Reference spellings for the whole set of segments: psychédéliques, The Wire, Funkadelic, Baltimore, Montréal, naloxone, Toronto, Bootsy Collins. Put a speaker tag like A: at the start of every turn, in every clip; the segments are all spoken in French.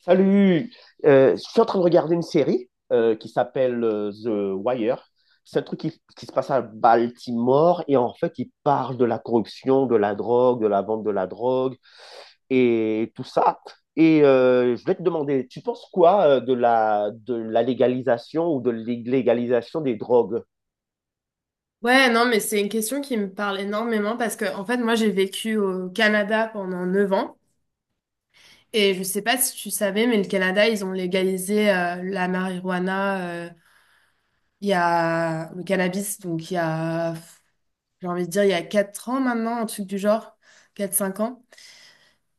A: Salut. Je suis en train de regarder une série qui s'appelle The Wire. C'est un truc qui se passe à Baltimore et en fait, il parle de la corruption, de la drogue, de la vente de la drogue et tout ça. Et je voulais te demander, tu penses quoi de la légalisation ou de l'illégalisation des drogues?
B: Ouais, non, mais c'est une question qui me parle énormément parce que, en fait, moi, j'ai vécu au Canada pendant 9 ans et je sais pas si tu savais, mais le Canada, ils ont légalisé la marijuana, il y a le cannabis, donc il y a, j'ai envie de dire, il y a 4 ans maintenant, un truc du genre, 4 5 ans.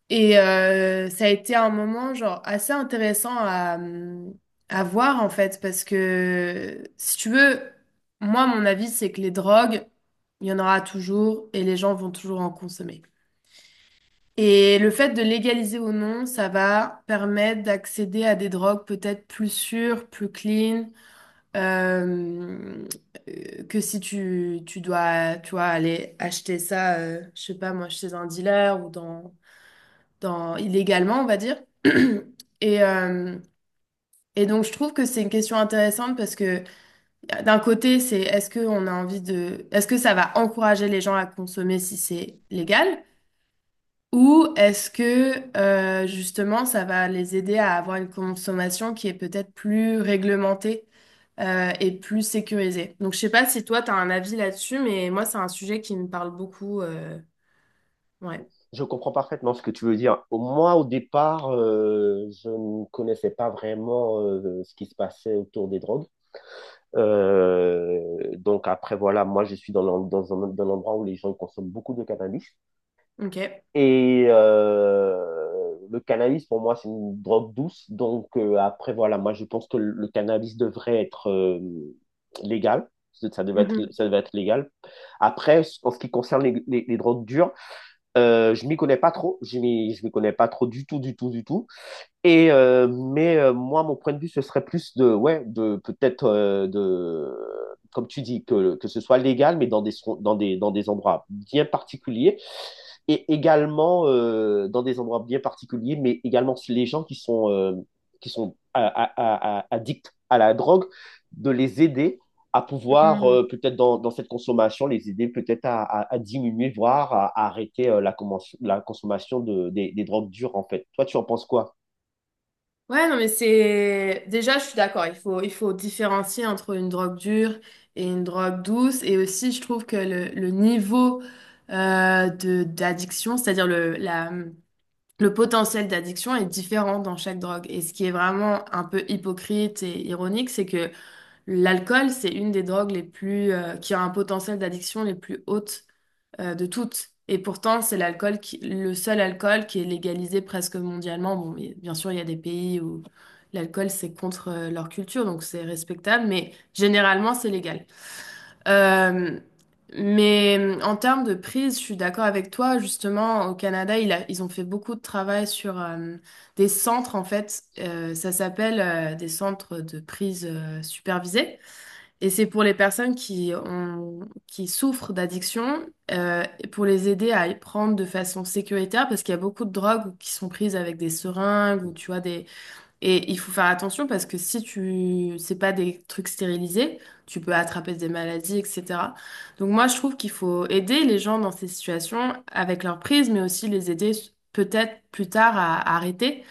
B: Et ça a été un moment genre assez intéressant à voir en fait parce que si tu veux, moi mon avis c'est que les drogues, il y en aura toujours et les gens vont toujours en consommer. Et le fait de légaliser ou non, ça va permettre d'accéder à des drogues peut-être plus sûres, plus clean, euh, que si tu dois tu vois, aller acheter ça, je sais pas moi, chez un dealer ou dans, illégalement, on va dire. Et, euh, et donc, je trouve que c'est une question intéressante parce que d'un côté, c'est est-ce que on a envie de, est-ce que ça va encourager les gens à consommer si c'est légal? Ou est-ce que justement ça va les aider à avoir une consommation qui est peut-être plus réglementée et plus sécurisée? Donc je sais pas si toi tu as un avis là-dessus, mais moi c'est un sujet qui me parle beaucoup. Ouais,
A: Je comprends parfaitement ce que tu veux dire. Moi, au départ, je ne connaissais pas vraiment ce qui se passait autour des drogues. Donc après, voilà, moi, je suis dans dans un endroit où les gens consomment beaucoup de cannabis.
B: ok.
A: Et le cannabis, pour moi, c'est une drogue douce. Donc après, voilà, moi, je pense que le cannabis devrait être légal.
B: Mhm.
A: Ça devrait être légal. Après, en ce qui concerne les drogues dures, je m'y connais pas trop. Je m'y connais pas trop, du tout, du tout, du tout. Mais moi, mon point de vue, ce serait plus de, ouais, de peut-être de, comme tu dis, que ce soit légal, mais dans dans des endroits bien particuliers. Et également dans des endroits bien particuliers, mais également les gens qui sont addicts à la drogue, de les aider à pouvoir, peut-être dans, dans cette consommation, les aider peut-être à diminuer, voire à arrêter la consommation des drogues dures, en fait. Toi, tu en penses quoi?
B: Ouais, non, mais c'est... Déjà, je suis d'accord, il faut différencier entre une drogue dure et une drogue douce. Et aussi, je trouve que le niveau d'addiction, c'est-à-dire le potentiel d'addiction est différent dans chaque drogue. Et ce qui est vraiment un peu hypocrite et ironique, c'est que l'alcool, c'est une des drogues les plus, qui a un potentiel d'addiction les plus hautes de toutes. Et pourtant, c'est le seul alcool qui est légalisé presque mondialement. Bon, mais bien sûr, il y a des pays où l'alcool, c'est contre leur culture, donc c'est respectable, mais généralement, c'est légal. Euh, mais en termes de prise, je suis d'accord avec toi. Justement, au Canada, ils ont fait beaucoup de travail sur des centres, en fait. Ça s'appelle des centres de prise supervisée. Et c'est pour les personnes qui souffrent d'addiction, et pour les aider à y prendre de façon sécuritaire, parce qu'il y a beaucoup de drogues qui sont prises avec des seringues ou tu vois des. Et il faut faire attention parce que si tu, c'est pas des trucs stérilisés, tu peux attraper des maladies, etc. Donc moi, je trouve qu'il faut aider les gens dans ces situations avec leur prise, mais aussi les aider peut-être plus tard à arrêter.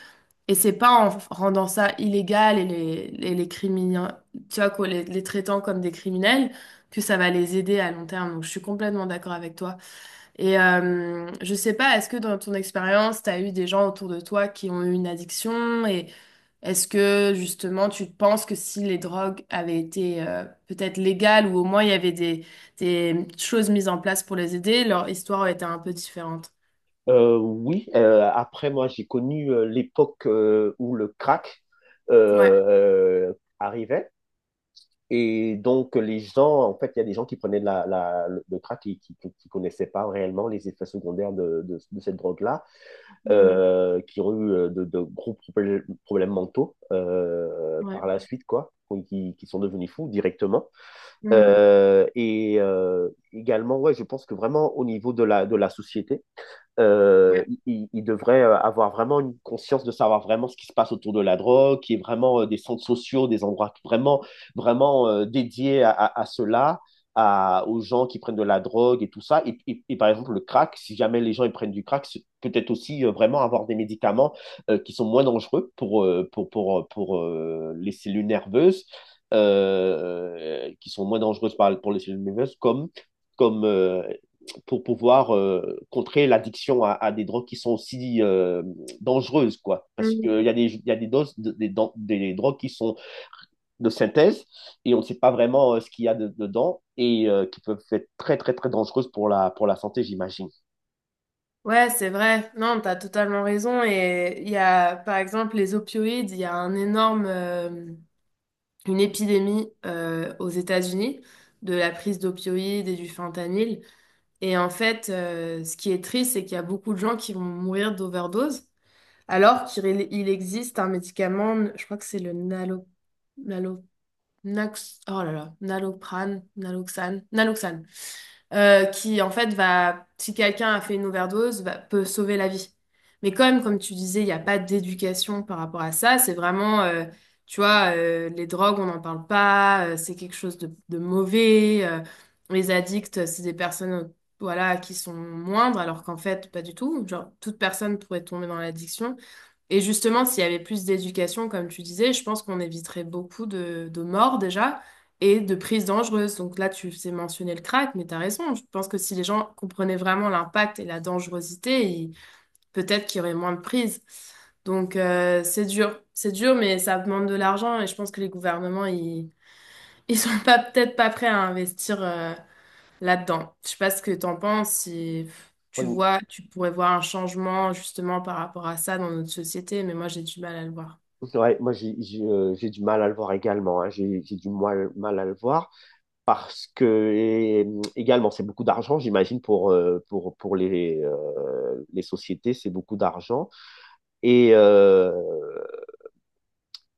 B: Et c'est pas rendant ça illégal et les criminels, tu vois, quoi, les traitant comme des criminels, que ça va les aider à long terme. Donc, je suis complètement d'accord avec toi. Et je sais pas, est-ce que dans ton expérience, tu as eu des gens autour de toi qui ont eu une addiction? Et est-ce que, justement, tu penses que si les drogues avaient été peut-être légales ou au moins il y avait des choses mises en place pour les aider, leur histoire aurait été un peu différente?
A: Oui, après moi j'ai connu l'époque où le crack euh,
B: Ouais.
A: euh, arrivait, et donc les gens, en fait il y a des gens qui prenaient de le crack et qui ne connaissaient pas réellement les effets secondaires de cette drogue-là,
B: Mm.
A: qui ont eu de gros problèmes mentaux
B: Ouais.
A: par la suite, quoi, qui sont devenus fous directement.
B: Mm.
A: Également, ouais, je pense que vraiment au niveau de de la société,
B: Ouais.
A: il devrait avoir vraiment une conscience de savoir vraiment ce qui se passe autour de la drogue, qui est vraiment des centres sociaux, des endroits vraiment, vraiment dédiés à cela, à, aux gens qui prennent de la drogue et tout ça. Et par exemple, le crack, si jamais les gens ils prennent du crack, c'est peut-être aussi vraiment avoir des médicaments qui sont moins dangereux pour, pour les cellules nerveuses, qui sont moins dangereuses pour les cellules nerveuses, comme pour pouvoir contrer l'addiction des drogues qui sont aussi dangereuses, quoi. Parce qu'il y a des doses drogues qui sont de synthèse et on ne sait pas vraiment ce qu'il y a dedans et qui peuvent être très, très, très dangereuses pour pour la santé, j'imagine.
B: Ouais, c'est vrai. Non, t'as totalement raison. Et il y a, par exemple, les opioïdes, il y a un énorme, une épidémie aux États-Unis de la prise d'opioïdes et du fentanyl. Et en fait, ce qui est triste, c'est qu'il y a beaucoup de gens qui vont mourir d'overdose, alors qu'il il existe un médicament, je crois que c'est le nalo, nalo, nax- oh là là, naloprane, naloxane, naloxane qui en fait si quelqu'un a fait une overdose, peut sauver la vie. Mais comme tu disais, il n'y a pas d'éducation par rapport à ça, c'est vraiment, tu vois, les drogues, on n'en parle pas, c'est quelque chose de mauvais, les addicts, c'est des personnes, voilà, qui sont moindres, alors qu'en fait, pas du tout. Genre, toute personne pourrait tomber dans l'addiction. Et justement, s'il y avait plus d'éducation, comme tu disais, je pense qu'on éviterait beaucoup de morts déjà et de prises dangereuses. Donc là, tu sais mentionner le crack, mais t'as raison. Je pense que si les gens comprenaient vraiment l'impact et la dangerosité, peut-être qu'il y aurait moins de prises. Donc c'est dur. C'est dur, mais ça demande de l'argent et je pense que les gouvernements, ils sont pas peut-être pas prêts à investir. Là-dedans. Je sais pas ce que t'en penses, si tu vois, tu pourrais voir un changement justement par rapport à ça dans notre société, mais moi j'ai du mal à le voir.
A: Ouais, moi, j'ai du mal à le voir également. Hein. J'ai du mal à le voir, parce que et, également, c'est beaucoup d'argent, j'imagine, pour les sociétés, c'est beaucoup d'argent. Et Euh,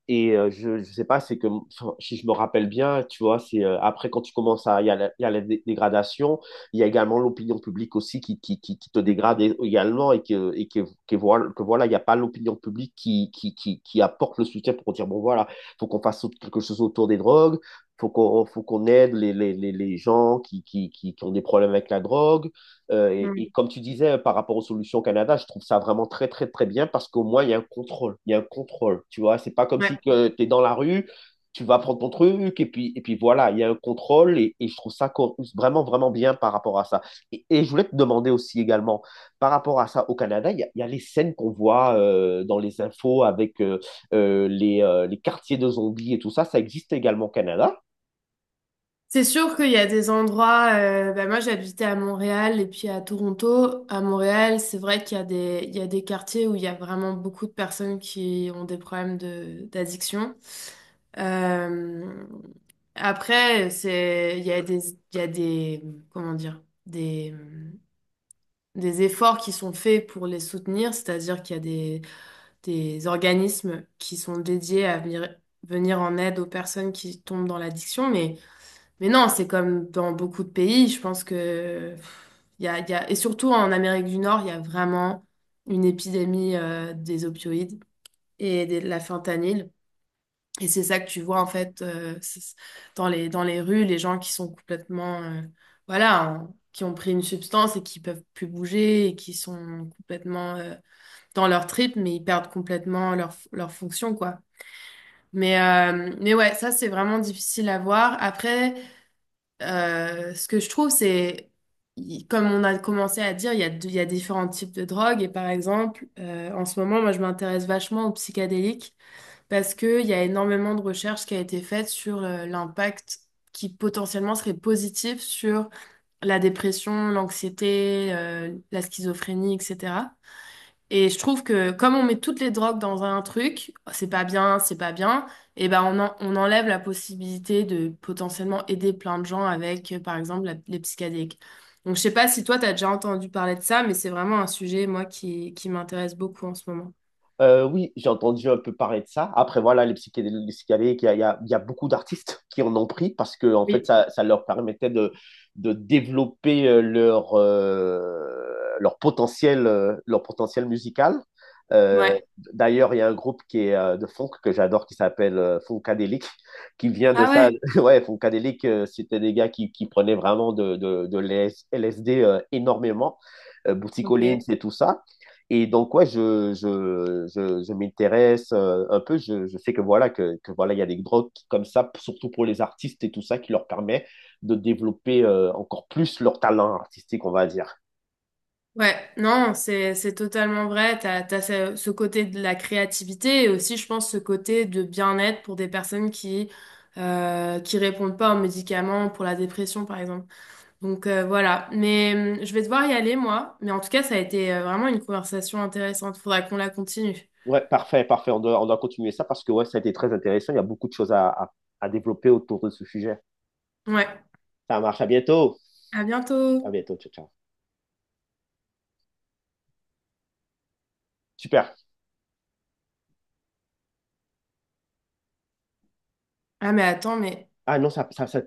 A: Et je ne sais pas, c'est que enfin, si je me rappelle bien, tu vois, c'est après quand tu commences à, il y a il y a la dégradation, il y a également l'opinion publique aussi qui te dégrade également, et que voilà, il n'y a pas l'opinion publique qui apporte le soutien pour dire, bon voilà, faut qu'on fasse quelque chose autour des drogues, faut qu'on aide les gens qui ont des problèmes avec la drogue, et,
B: Mm.
A: comme tu disais par rapport aux solutions au Canada, je trouve ça vraiment très très très bien parce qu'au moins il y a un contrôle, il y a un contrôle. Tu vois, c'est pas comme si
B: Ouais.
A: tu es dans la rue, tu vas prendre ton truc et puis voilà, il y a un contrôle, et je trouve ça vraiment vraiment bien par rapport à ça. Je voulais te demander aussi également par rapport à ça au Canada, il y a les scènes qu'on voit dans les infos avec les quartiers de zombies et tout ça, ça existe également au Canada.
B: C'est sûr qu'il y a des endroits, bah, moi j'habitais à Montréal et puis à Toronto. À Montréal, c'est vrai qu'il y a des, il y a des quartiers où il y a vraiment beaucoup de personnes qui ont des problèmes d'addiction. Euh, Après, il y a des, il y a des, comment dire, des efforts qui sont faits pour les soutenir, c'est-à-dire qu'il y a des organismes qui sont dédiés à venir, venir en aide aux personnes qui tombent dans l'addiction, mais non, c'est comme dans beaucoup de pays, je pense que pff, il y a, et surtout en Amérique du Nord, il y a vraiment une épidémie des opioïdes et de la fentanyl. Et c'est ça que tu vois en fait dans les rues, les gens qui sont complètement, voilà, qui ont pris une substance et qui peuvent plus bouger et qui sont complètement dans leur trip, mais ils perdent complètement leur fonction, quoi. Mais ouais, ça c'est vraiment difficile à voir. Après, ce que je trouve, c'est, comme on a commencé à dire, il y a différents types de drogues. Et par exemple, en ce moment, moi je m'intéresse vachement aux psychédéliques parce qu'il y a énormément de recherches qui a été faite sur l'impact qui potentiellement serait positif sur la dépression, l'anxiété, la schizophrénie, etc. Et je trouve que comme on met toutes les drogues dans un truc, oh, c'est pas bien, et ben on enlève la possibilité de potentiellement aider plein de gens avec, par exemple, les psychédéliques. Donc je sais pas si toi t'as déjà entendu parler de ça, mais c'est vraiment un sujet, moi, qui m'intéresse beaucoup en ce moment.
A: Oui, j'ai entendu un peu parler de ça. Après, voilà, les psychédéliques, il y a beaucoup d'artistes qui en ont pris parce que, en fait,
B: Oui.
A: ça leur permettait de développer leur potentiel musical. Euh,
B: Ouais.
A: D'ailleurs, il y a un groupe qui est de funk que j'adore qui s'appelle Funkadelic, qui vient de
B: Ah
A: ça.
B: ouais?
A: Ouais, Funkadelic, c'était des gars qui prenaient vraiment de l'LSD énormément. Bootsy Collins
B: Ok.
A: et tout ça. Et donc, ouais, je m'intéresse un peu. Je sais que voilà, que voilà, il y a des drogues comme ça, surtout pour les artistes et tout ça, qui leur permet de développer encore plus leur talent artistique, on va dire.
B: Ouais, non, c'est totalement vrai. T'as ce côté de la créativité et aussi, je pense, ce côté de bien-être pour des personnes qui répondent pas aux médicaments pour la dépression, par exemple. Donc voilà. Mais je vais devoir y aller, moi. Mais en tout cas, ça a été vraiment une conversation intéressante. Faudra qu'on la continue.
A: Ouais, parfait, parfait. On doit continuer ça parce que ouais, ça a été très intéressant. Il y a beaucoup de choses à développer autour de ce sujet.
B: Ouais.
A: Ça marche. À bientôt.
B: À
A: À
B: bientôt.
A: bientôt. Ciao, ciao. Super.
B: Ah mais attends, mais
A: Ah non, ça